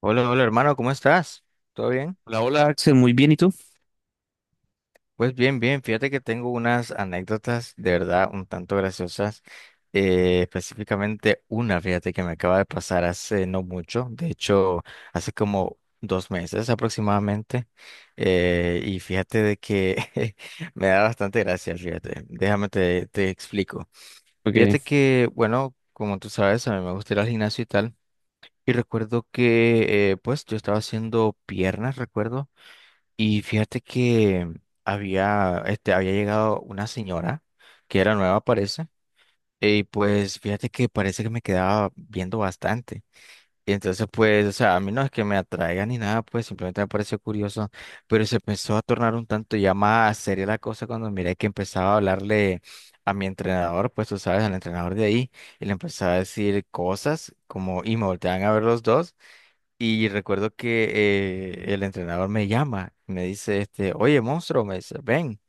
Hola, hola hermano, ¿cómo estás? ¿Todo bien? Hola, hola Axel, muy bien, ¿y tú? Pues bien, bien, fíjate que tengo unas anécdotas de verdad un tanto graciosas, específicamente una, fíjate que me acaba de pasar hace no mucho, de hecho hace como 2 meses aproximadamente, y fíjate de que me da bastante gracia, fíjate, déjame te explico. Fíjate Ok. que, bueno, como tú sabes, a mí me gusta ir al gimnasio y tal, y recuerdo que, pues yo estaba haciendo piernas, recuerdo. Y fíjate que había llegado una señora que era nueva, parece. Y pues fíjate que parece que me quedaba viendo bastante. Y entonces, pues, o sea, a mí no es que me atraiga ni nada, pues simplemente me pareció curioso. Pero se empezó a tornar un tanto ya más seria la cosa cuando miré que empezaba a hablarle a mi entrenador, pues tú sabes, al entrenador de ahí. Y le empezaba a decir cosas como, y me volteaban a ver los dos. Y recuerdo que el entrenador me llama, me dice, oye, monstruo, me dice, ven.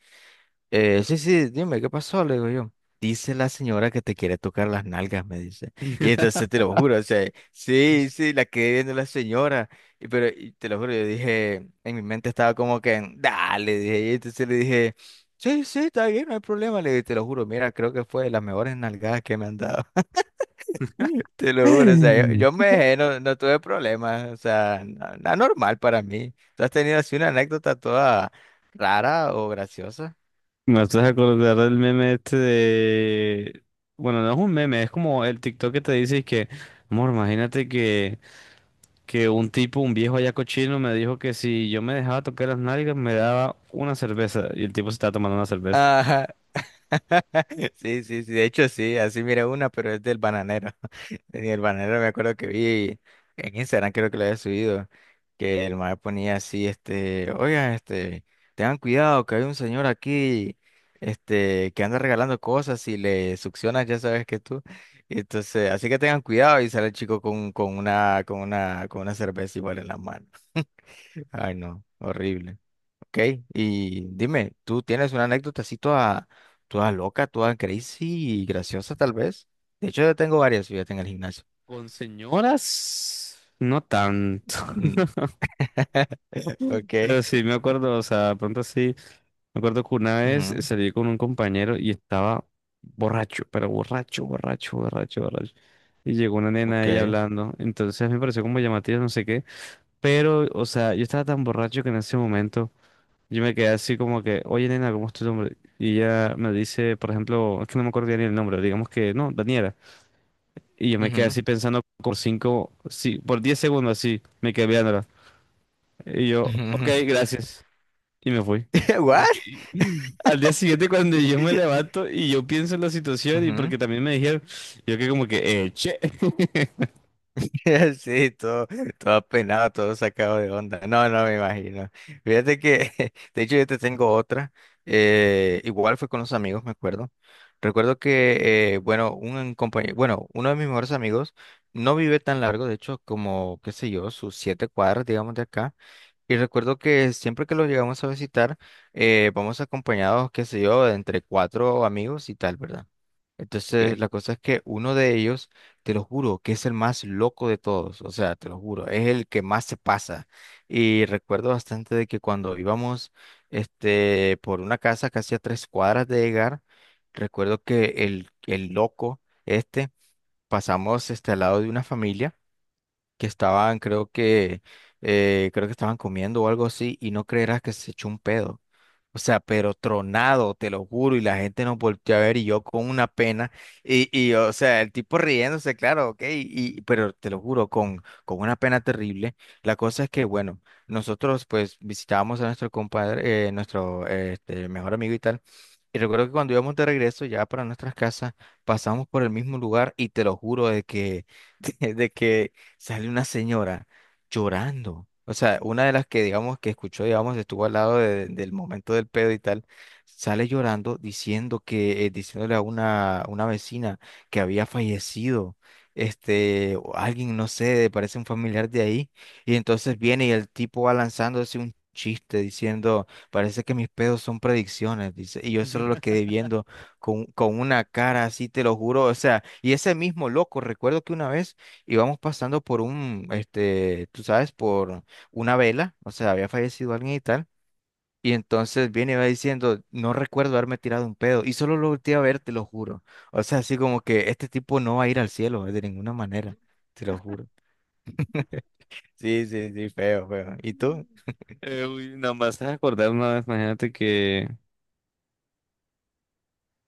Sí, sí, dime, ¿qué pasó? Le digo yo. Dice la señora que te quiere tocar las nalgas, me dice. Y entonces te lo juro, o sea, sí, sí, la quedé viendo la señora. Pero te lo juro, yo dije, en mi mente estaba como que, dale, dije. Y entonces le dije, sí, sí, está bien, no hay problema. Le dije, te lo juro, mira, creo que fue de las mejores nalgadas que me han dado. Te lo juro, o sea, yo me dejé, no, no tuve problemas, o sea, nada normal para mí. ¿Tú has tenido así una anécdota toda rara o graciosa? Me estás acordar del meme este de... Bueno, no es un meme, es como el TikTok que te dice que, amor, imagínate que un tipo, un viejo allá cochino me dijo que si yo me dejaba tocar las nalgas me daba una cerveza y el tipo se estaba tomando una cerveza. Ajá. Sí, sí, sí, de hecho sí, así miré una, pero es del bananero. En el bananero me acuerdo que vi en Instagram, creo que lo había subido, que el mae ponía así, oigan, tengan cuidado que hay un señor aquí, que anda regalando cosas y le succionas, ya sabes que tú. Y entonces, así que tengan cuidado y sale el chico con una cerveza igual en la mano. Ay, no, horrible. Ok, y dime, ¿tú tienes una anécdota así toda, toda loca, toda crazy y graciosa tal vez? De hecho, yo tengo varias, fíjate, en el gimnasio. ¿Con señoras? No tanto. Mm. Ok. Pero sí, me acuerdo, o sea, pronto sí. Me acuerdo que una vez Ujú. salí con un compañero y estaba borracho, pero borracho, borracho, borracho, borracho. Y llegó una nena ahí Ok. hablando. Entonces me pareció como llamativo, no sé qué. Pero, o sea, yo estaba tan borracho que en ese momento yo me quedé así como que, oye, nena, ¿cómo es tu nombre? Y ella me dice, por ejemplo, es que no me acuerdo bien el nombre, digamos que no, Daniela. Y yo me quedé Ujú, así pensando por cinco, sí, por 10 segundos así, me quedé viéndola. Y yo, ujú, ok, ujú. gracias. Y me fui. Y- What? Al día siguiente, cuando yo me levanto y yo pienso en la situación y Ujú. porque también me dijeron, yo que como que, che. Sí, todo, todo apenado, todo sacado de onda. No, no me imagino. Fíjate que, de hecho, yo te tengo otra. Igual fue con los amigos, me acuerdo. Recuerdo que, bueno, un compañero, bueno, uno de mis mejores amigos no vive tan largo, de hecho, como, qué sé yo, sus 7 cuadras, digamos, de acá. Y recuerdo que siempre que los llegamos a visitar, vamos acompañados, qué sé yo, de entre cuatro amigos y tal, ¿verdad? Ok. Entonces, la cosa es que uno de ellos, te lo juro, que es el más loco de todos, o sea, te lo juro, es el que más se pasa. Y recuerdo bastante de que cuando íbamos, por una casa casi a 3 cuadras de llegar, recuerdo que el loco, pasamos, al lado de una familia que estaban, creo que estaban comiendo o algo así, y no creerás que se echó un pedo. O sea, pero tronado, te lo juro, y la gente nos volteó a ver y yo con una pena, y o sea, el tipo riéndose, claro, ok, pero te lo juro, con una pena terrible. La cosa es que, bueno, nosotros pues visitábamos a nuestro compadre, nuestro mejor amigo y tal, y recuerdo que cuando íbamos de regreso ya para nuestras casas, pasamos por el mismo lugar y te lo juro de que, de que sale una señora llorando. O sea, una de las que, digamos, que escuchó, digamos, estuvo al lado del momento del pedo y tal, sale llorando diciendo que, diciéndole a una vecina que había fallecido, o alguien, no sé, parece un familiar de ahí, y entonces viene y el tipo va lanzándose un chiste diciendo, parece que mis pedos son predicciones, dice, y yo solo lo quedé viendo con una cara así, te lo juro, o sea, y ese mismo loco, recuerdo que una vez íbamos pasando por un, tú sabes, por una vela, o sea, había fallecido alguien y tal. Y entonces viene y va diciendo, no recuerdo haberme tirado un pedo. Y solo lo volteé a ver, te lo juro. O sea, así como que este tipo no va a ir al cielo de ninguna manera, te lo juro. Sí, sí, sí, feo, feo. ¿Y tú? Uy, nada más acordar una vez, imagínate que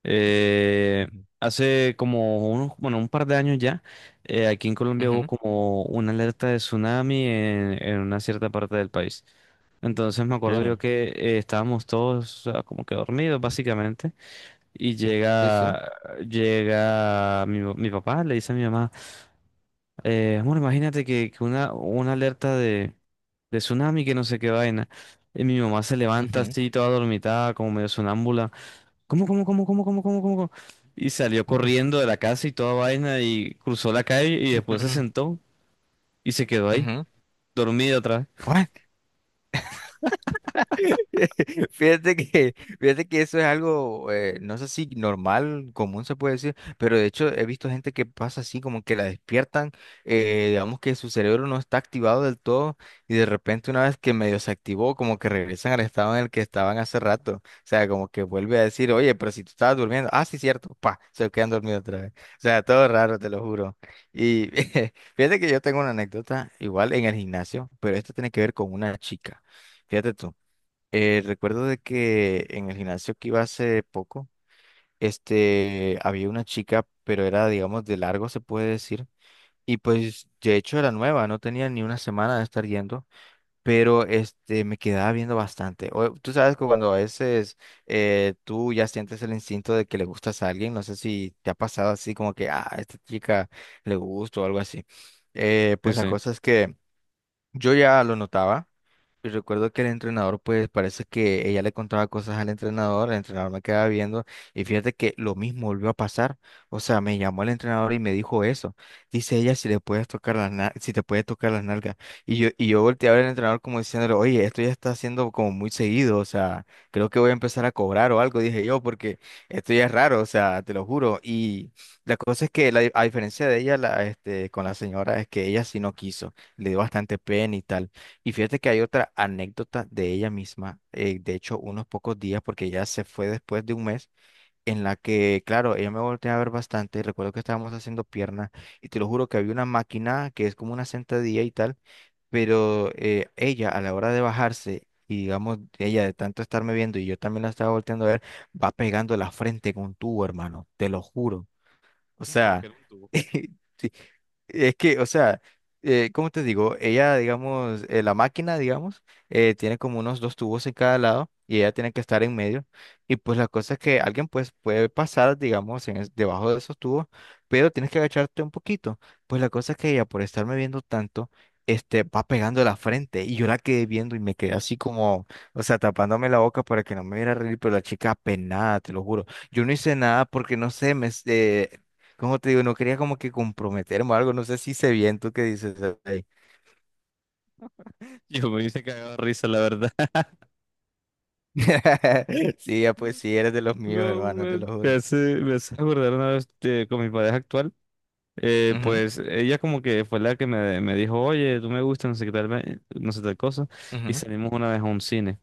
eh, Ujú, hace como unos, bueno, un par de años ya, aquí en Colombia hubo ujú, como una alerta de tsunami en una cierta parte del país. Entonces me ok. acuerdo yo que estábamos todos ah, como que dormidos básicamente. Y Sí, sí. llega, llega mi papá, le dice a mi mamá, amor, imagínate que una alerta de tsunami, que no sé qué vaina. Y mi mamá se levanta Ujú. así, toda dormitada, como medio sonámbula. ¿Cómo, cómo, cómo, cómo, cómo, cómo, cómo, cómo? Y salió corriendo de la casa y toda vaina y cruzó la calle y después Ujú, se ujú, sentó y se quedó ahí, ujú. dormida otra What? Fíjate que, fíjate que eso es algo, no sé si normal, común se puede decir, pero de hecho he visto gente que pasa así, como que la despiertan, digamos que su cerebro no está activado del todo y de repente una vez que medio se activó, como que regresan al estado en el que estaban hace rato, o sea, como que vuelve a decir, oye, pero si tú estabas durmiendo, ah, sí, cierto, pa, se quedan dormidos otra vez, o sea, todo raro, te lo juro. Y fíjate que yo tengo una anécdota igual en el gimnasio, pero esto tiene que ver con una chica, fíjate tú. Recuerdo de que en el gimnasio que iba hace poco, había una chica, pero era, digamos, de largo, se puede decir. Y pues, de hecho, era nueva, no tenía ni una semana de estar yendo, pero me quedaba viendo bastante. Tú sabes que cuando a veces tú ya sientes el instinto de que le gustas a alguien, no sé si te ha pasado así como que, ah, a esta chica le gusto o algo así. Pues vez. la Sí, cosa es que... Yo ya lo notaba y recuerdo que el entrenador, pues parece que ella le contaba cosas al entrenador, el entrenador me quedaba viendo y fíjate que lo mismo volvió a pasar. O sea, me llamó el entrenador y me dijo eso. Dice ella si le puedes tocar las na- si te puede tocar las nalgas. Y yo volteé a ver al entrenador como diciéndole, oye, esto ya está haciendo como muy seguido, o sea, creo que voy a empezar a cobrar o algo, dije yo, porque esto ya es raro, o sea, te lo juro. Y la cosa es que a diferencia de ella, con la señora, es que ella sí no quiso, le dio bastante pena y tal. Y fíjate que hay otra anécdota de ella misma, de hecho, unos pocos días, porque ella se fue después de un mes, en la que, claro, ella me volteó a ver bastante, y recuerdo que estábamos haciendo piernas, y te lo juro que había una máquina que es como una sentadilla y tal, pero ella a la hora de bajarse, y digamos, ella de tanto estarme viendo y yo también la estaba volteando a ver, va pegando la frente con un tubo, hermano, te lo juro. O sí. Porque sea, era un tubo. es que, o sea, ¿cómo te digo? Ella, digamos, la máquina, digamos, tiene como unos dos tubos en cada lado y ella tiene que estar en medio. Y pues la cosa es que alguien pues puede pasar, digamos, debajo de esos tubos, pero tienes que agacharte un poquito. Pues la cosa es que ella, por estarme viendo tanto, va pegando la frente y yo la quedé viendo y me quedé así como, o sea, tapándome la boca para que no me viera reír, pero la chica apenada, te lo juro. Yo no hice nada porque no sé, como te digo, no quería como que comprometerme o algo, no sé si sé bien tú qué dices ahí. Yo me hice cagado de risa, la verdad. Sí, ya pues sí, eres de los míos, No, hermano, te man, lo juro. Me hace acordar una vez con mi pareja actual. Ujú, Pues ella como que fue la que me dijo, oye, tú me gustas, no sé qué tal, no sé tal cosa, y ujú, salimos una vez a un cine.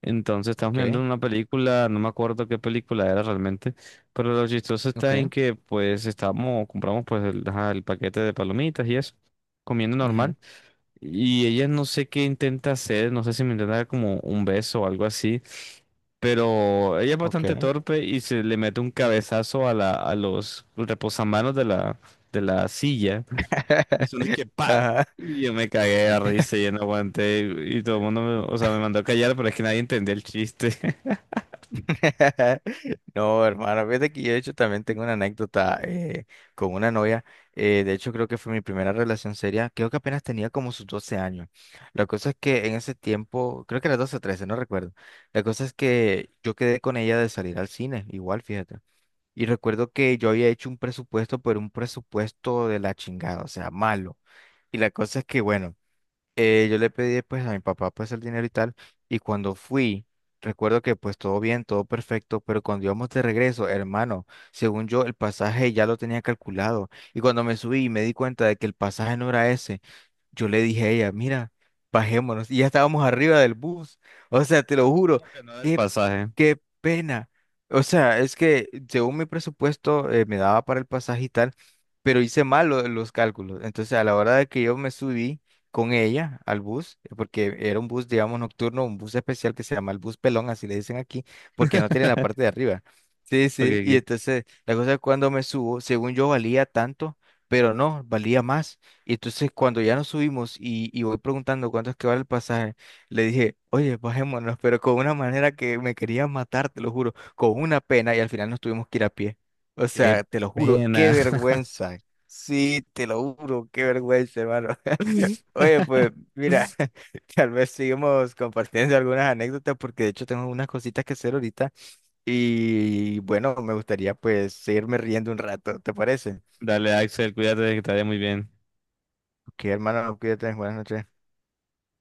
Entonces estamos viendo ok, una película, no me acuerdo qué película era realmente, pero lo chistoso está en ok, que pues estábamos, compramos pues el, ajá, el paquete de palomitas y eso, comiendo normal, ujú, y ella no sé qué intenta hacer, no sé si me intenta dar como un beso o algo así, pero ella es bastante ok. torpe y se le mete un cabezazo a la, a los reposamanos de la silla. Y son de que pa. Ajá. Y yo me cagué de risa y yo no aguanté. Y todo el mundo me, o sea, me mandó a callar, pero es que nadie entendió el chiste. No, hermano, fíjate que yo de hecho también tengo una anécdota con una novia. De hecho, creo que fue mi primera relación seria. Creo que apenas tenía como sus 12 años. La cosa es que en ese tiempo, creo que era 12 o 13, no recuerdo. La cosa es que yo quedé con ella de salir al cine, igual, fíjate. Y recuerdo que yo había hecho un presupuesto, pero un presupuesto de la chingada, o sea, malo. Y la cosa es que, bueno, yo le pedí pues a mi papá pues el dinero y tal, y cuando fui, recuerdo que pues todo bien, todo perfecto, pero cuando íbamos de regreso, hermano, según yo el pasaje ya lo tenía calculado, y cuando me subí me di cuenta de que el pasaje no era ese, yo le dije a ella, mira, bajémonos. Y ya estábamos arriba del bus. O sea, te lo Pero juro, ¿cómo que no del qué, pasaje? qué pena. O sea, es que según mi presupuesto me daba para el pasaje y tal, pero hice mal los cálculos. Entonces, a la hora de que yo me subí con ella al bus, porque era un bus, digamos, nocturno, un bus especial que se llama el bus pelón, así le dicen aquí, porque no tiene la parte de arriba. Sí, sí. Porque Y qué entonces, la cosa es cuando me subo, según yo valía tanto, pero no, valía más. Y entonces cuando ya nos subimos y voy preguntando cuánto es que vale el pasaje, le dije, oye, bajémonos, pero con una manera que me quería matar, te lo juro, con una pena y al final nos tuvimos que ir a pie. O qué sea, te lo juro, qué pena. vergüenza. Sí, te lo juro, qué vergüenza, hermano. Oye, pues mira, tal vez sigamos compartiendo algunas anécdotas porque de hecho tengo unas cositas que hacer ahorita y bueno, me gustaría pues seguirme riendo un rato, ¿te parece? Dale, Axel, cuídate que te vaya muy bien. Ok, hermano, cuídate, buenas noches.